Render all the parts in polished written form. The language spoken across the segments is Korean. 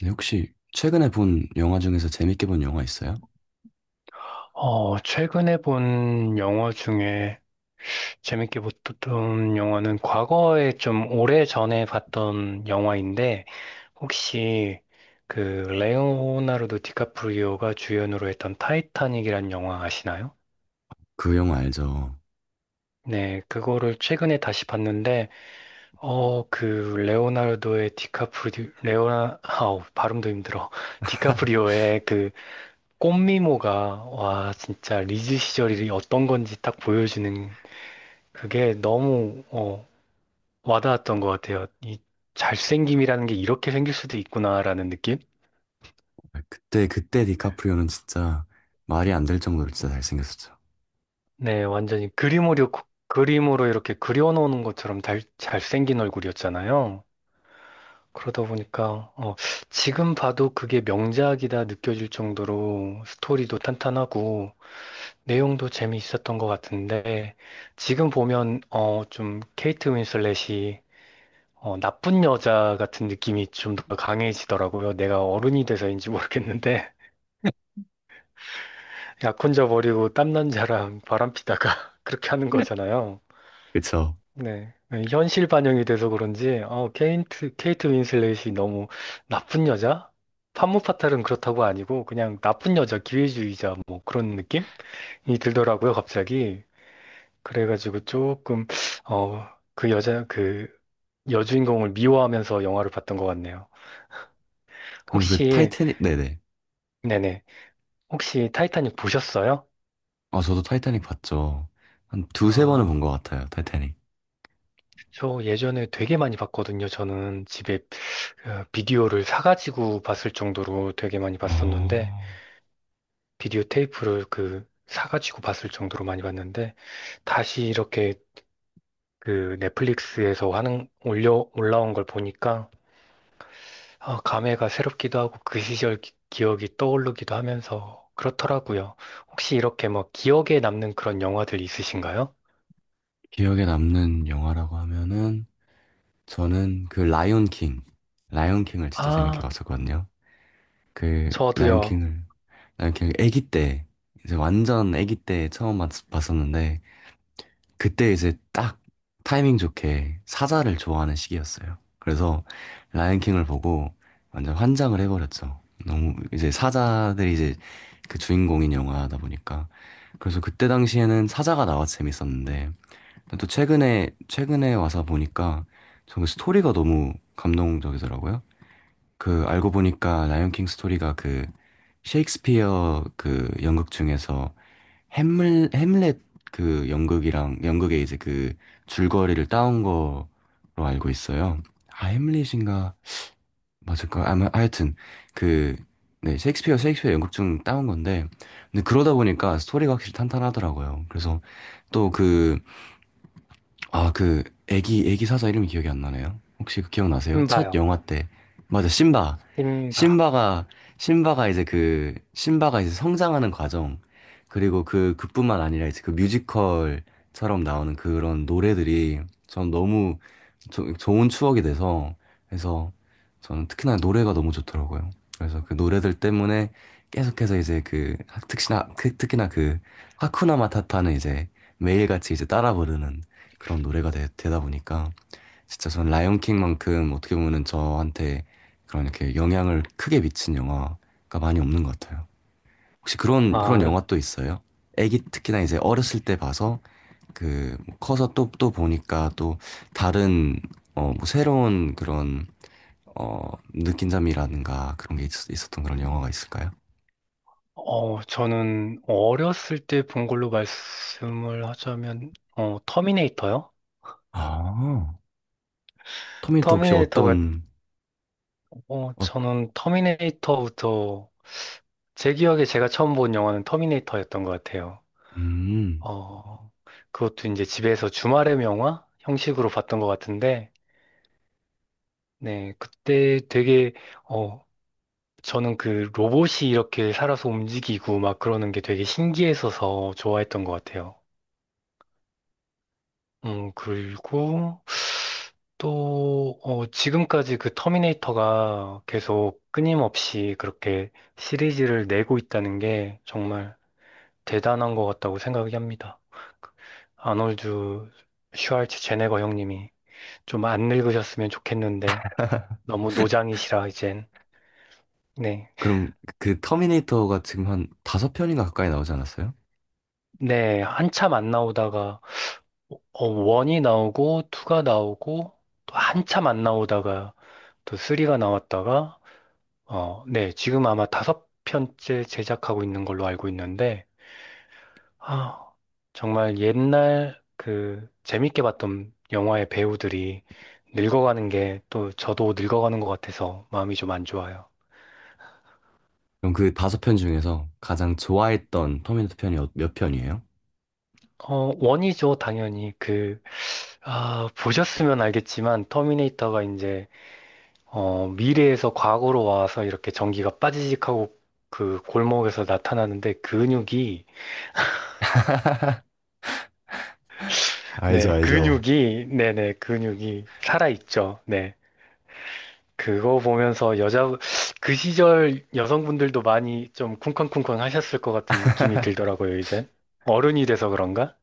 네, 혹시 최근에 본 영화 중에서 재밌게 본 영화 있어요? 최근에 본 영화 중에 재밌게 봤던 영화는 과거에 좀 오래전에 봤던 영화인데 혹시 그 레오나르도 디카프리오가 주연으로 했던 타이타닉이란 영화 아시나요? 그 영화 알죠? 네, 그거를 최근에 다시 봤는데 어, 그 레오나르도의 디카프리 레오나 아우 발음도 힘들어. 디카프리오의 그 꽃미모가 와 진짜 리즈 시절이 어떤 건지 딱 보여주는 그게 너무 와닿았던 것 같아요. 이 잘생김이라는 게 이렇게 생길 수도 있구나라는 느낌? 그때 디카프리오는 진짜 말이 안 될 정도로 진짜 잘생겼었죠. 네, 완전히 그림으로, 그림으로 이렇게 그려놓는 것처럼 잘생긴 얼굴이었잖아요. 그러다 보니까 지금 봐도 그게 명작이다 느껴질 정도로 스토리도 탄탄하고 내용도 재미있었던 것 같은데 지금 보면 좀 케이트 윈슬렛이 나쁜 여자 같은 느낌이 좀 더 강해지더라고요. 내가 어른이 돼서인지 모르겠는데, 약 혼자 버리고 땀난 자랑 바람피다가 그렇게 하는 거잖아요. 그쵸? 네. 현실 반영이 돼서 그런지, 케이트 윈슬렛이 너무 나쁜 여자? 판무파탈은 그렇다고 아니고, 그냥 나쁜 여자, 기회주의자, 뭐 그런 느낌이 들더라고요, 갑자기. 그래가지고 조금, 어, 그 여자, 그 여주인공을 미워하면서 영화를 봤던 것 같네요. 그럼 그 혹시, 타이타닉 네네. 네네. 혹시 타이타닉 보셨어요? 아 저도 타이타닉 봤죠. 한 두세 번은 본 것 아, 같아요. 타이타닉. 저 예전에 되게 많이 봤거든요. 저는 집에 그 비디오를 사가지고 봤을 정도로 되게 많이 봤었는데, 어, 비디오 테이프를 그 사가지고 봤을 정도로 많이 봤는데, 다시 이렇게 그 넷플릭스에서 올라온 걸 보니까, 아, 감회가 새롭기도 하고 그 시절 기억이 떠오르기도 하면서 그렇더라고요. 혹시 이렇게 뭐 기억에 남는 그런 영화들 있으신가요? 기억에 남는 영화라고 하면은 저는 그 라이온 킹, 라이온 킹을 진짜 재밌게 아, 봤었거든요. 그 라이온 저도요. 킹을 라이온 킹을 아기 때 이제 완전 아기 때 봤었는데 그때 이제 딱 타이밍 좋게 사자를 좋아하는 시기였어요. 그래서 라이언킹을 보고 완전 환장을 해버렸죠. 너무 이제 사자들이 이제 그 주인공인 영화다 보니까. 그래서 그때 당시에는 사자가 나와 서 재밌었는데 또 최근에 와서 보니까 정말 스토리가 너무 감동적이더라고요. 그 알고 보니까 라이언킹 스토리가 그 셰익스피어 그 연극 중에서 햄을 햄릿 그 연극이랑 연극에 이제 그 줄거리를 따온 거로 알고 있어요. 아 햄릿인가 맞을까? 아마 하여튼 그 네, 셰익스피어 연극 중 따온 건데 근데 그러다 보니까 스토리가 확실히 탄탄하더라고요. 그래서 또그 아, 그 애기 사자 이름이 기억이 안 나네요. 혹시 그 기억나세요? 힘 첫 봐요. 영화 때. 맞아, 심바. 심박. 심바가 심바가 이제 성장하는 과정 그리고 그 그뿐만 아니라 이제 그 뮤지컬처럼 나오는 그런 노래들이 전 너무 좋은 추억이 돼서 그래서 저는 특히나 노래가 너무 좋더라고요. 그래서 그 노래들 때문에 계속해서 이제 그 특히나 특히나 그 하쿠나 마타타는 이제 매일같이 이제 따라 부르는 그런 노래가 되, 다 보니까 진짜 전 라이온킹만큼 어떻게 보면은 저한테 그런 이렇게 영향을 크게 미친 영화가 많이 없는 것 같아요. 혹시 그런 아, 영화 또 있어요? 애기 특히나 이제 어렸을 때 봐서 그뭐 커서 또 보니까 또 다른 어뭐 새로운 그런 어 느낀점이라든가 그런 게 있었던 그런 영화가 있을까요? 저는 어렸을 때 본 걸로 말씀을 하자면, 터미네이터요? 아, 터미네이터 혹시 터미네이터가, 어떤 어, 저는 제 기억에 제가 처음 본 영화는 터미네이터였던 것 같아요. 음 어, 그것도 이제 집에서 주말의 명화 형식으로 봤던 것 같은데, 네, 어, 저는 그 로봇이 이렇게 살아서 움직이고 막 그러는 게 되게 신기했어서 좋아했던 것 같아요. 그리고 지금까지 그 터미네이터가 계속 끊임없이 그렇게 시리즈를 내고 있다는 게 정말 대단한 것 같다고 생각이 합니다. 그 아놀드 슈왈츠 제네거 형님이 좀 안 늙으셨으면 좋겠는데 너무 노장이시라 이젠. 네. 그럼 그 터미네이터가 지금 한 다섯 편인가 가까이 나오지 않았어요? 네, 한참 안 나오다가 원이 나오고 투가 나오고 또 한참 안 나오다가 또 쓰리가 나왔다가 어, 네, 지금 아마 다섯 편째 제작하고 있는 걸로 알고 있는데, 아, 정말 옛날 그 재밌게 봤던 영화의 배우들이 늙어가는 게 또 저도 늙어가는 것 같아서 마음이 좀 안 좋아요. 그럼 그 다섯 편 중에서 가장 좋아했던 터미네이터 편이 몇 편이에요? 어, 원이죠, 당연히. 그, 아, 보셨으면 알겠지만, 미래에서 과거로 와서 이렇게 전기가 빠지직하고 그 골목에서 나타나는데 알죠, 알죠. 근육이, 네네, 근육이 살아있죠. 네. 그거 보면서 여자, 그 시절 여성분들도 많이 좀 쿵쾅쿵쾅 하셨을 것 같은 느낌이 들더라고요, 이젠. 어른이 돼서 그런가?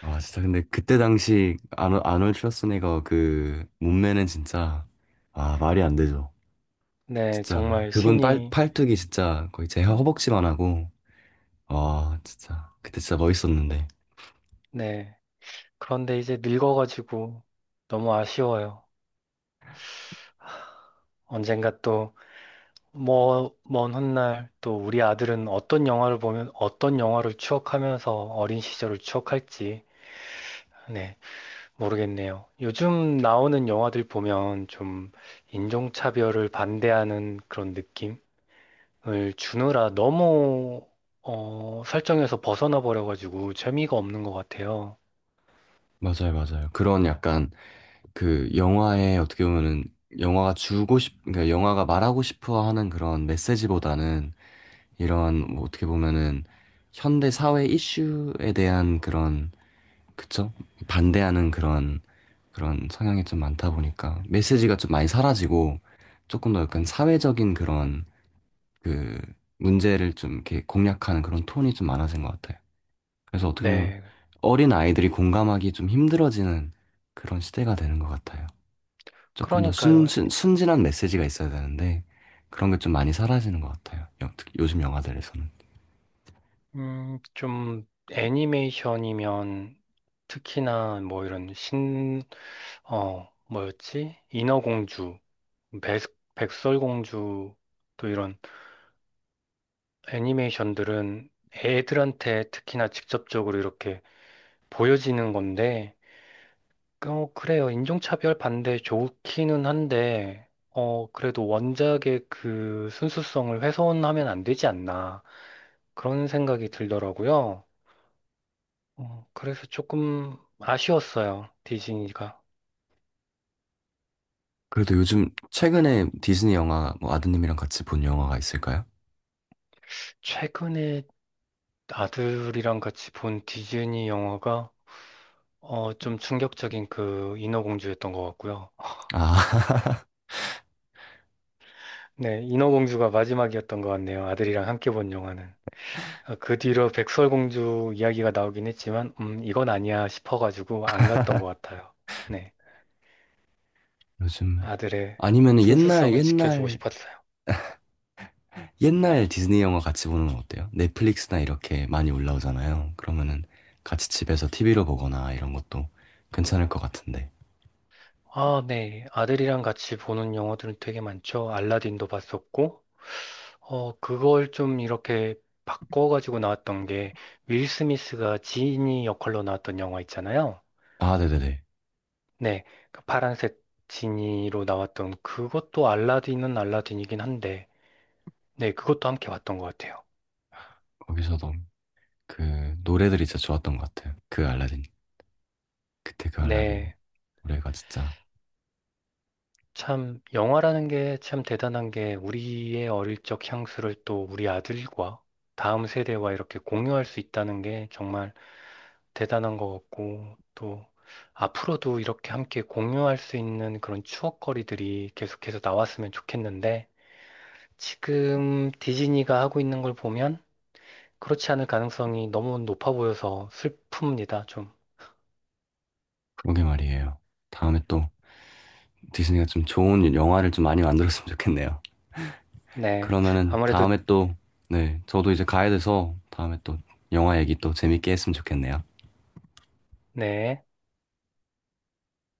아, 진짜 근데 그때 당시 아놀드 슈와스네거 그 몸매는 진짜 아, 말이 안 되죠. 네, 진짜 정말 그분 신이, 팔뚝이 진짜 거의 제 허벅지만 하고 아, 진짜 그때 진짜 멋있었는데. 네. 그런데 이제 늙어가지고 너무 아쉬워요. 언젠가 또, 뭐, 먼 훗날 또 우리 아들은 어떤 영화를 보면 어떤 영화를 추억하면서 어린 시절을 추억할지, 네, 모르겠네요. 요즘 나오는 영화들 보면 좀 인종차별을 반대하는 그런 느낌? 을 주느라 너무 설정에서 벗어나 버려가지고 재미가 없는 것 같아요. 맞아요, 맞아요. 그런 약간 그 영화에 어떻게 보면은 영화가 그러니까 영화가 말하고 싶어 하는 그런 메시지보다는 이런 뭐 어떻게 보면은 현대 사회 이슈에 대한 그런 그쵸? 반대하는 그런 그런 성향이 좀 많다 보니까 메시지가 좀 많이 사라지고 조금 더 약간 사회적인 그런 그 문제를 좀 이렇게 공략하는 그런 톤이 좀 많아진 것 같아요. 그래서 어떻게 보면 네, 어린 아이들이 공감하기 좀 힘들어지는 그런 시대가 되는 것 같아요. 조금 더 그러니까요. 순진한 메시지가 있어야 되는데 그런 게 좀 많이 사라지는 것 같아요. 특히 요즘 영화들에서는. 좀 애니메이션이면 특히나 뭐 이런 뭐였지? 인어공주, 백, 백설공주 또 이런 애니메이션들은 애들한테 특히나 직접적으로 이렇게 보여지는 건데 어, 그래요. 인종차별 반대 좋기는 한데, 어, 그래도 원작의 그 순수성을 훼손하면 안 되지 않나. 그런 생각이 들더라고요. 어, 그래서 조금 아쉬웠어요. 디즈니가. 그래도 요즘 최근에 디즈니 영화 뭐 아드님이랑 같이 본 영화가 있을까요? 최근에 아들이랑 같이 본 디즈니 영화가, 좀 충격적인 그 인어공주였던 것 같고요. 아, 네, 인어공주가 마지막이었던 것 같네요. 아들이랑 함께 본 영화는. 아, 그 뒤로 백설공주 이야기가 나오긴 했지만, 이건 아니야 싶어가지고 안 갔던 것 같아요. 네. 요즘 아들의 아니면 옛날 순수성을 지켜주고 옛날 싶었어요. 옛날 디즈니 영화 같이 보는 건 어때요? 넷플릭스나 이렇게 많이 올라오잖아요. 그러면은 같이 집에서 TV로 보거나 이런 것도 괜찮을 것 같은데. 아, 네. 아들이랑 같이 보는 영화들은 되게 많죠. 알라딘도 봤었고, 그걸 좀 이렇게 바꿔가지고 나왔던 게, 윌 스미스가 지니 역할로 나왔던 영화 있잖아요. 아, 네네네. 네. 그 파란색 지니로 나왔던 그것도 알라딘은 알라딘이긴 한데, 네. 그것도 함께 봤던 것 같아요. 거기서도 그 노래들이 진짜 좋았던 것 같아요. 그 알라딘. 그때 그 알라딘 네. 노래가 진짜 참, 영화라는 게 참 대단한 게 우리의 어릴 적 향수를 또 우리 아들과 다음 세대와 이렇게 공유할 수 있다는 게 정말 대단한 것 같고 또 앞으로도 이렇게 함께 공유할 수 있는 그런 추억거리들이 계속해서 나왔으면 좋겠는데 지금 디즈니가 하고 있는 걸 보면 그렇지 않을 가능성이 너무 높아 보여서 슬픕니다, 좀. 그러게 말이에요. 다음에 또 디즈니가 좀 좋은 영화를 좀 많이 만들었으면 좋겠네요. 네. 그러면은 아무래도, 다음에 또, 네, 저도 이제 가야 돼서 다음에 또 영화 얘기 또 재밌게 했으면 좋겠네요. 네.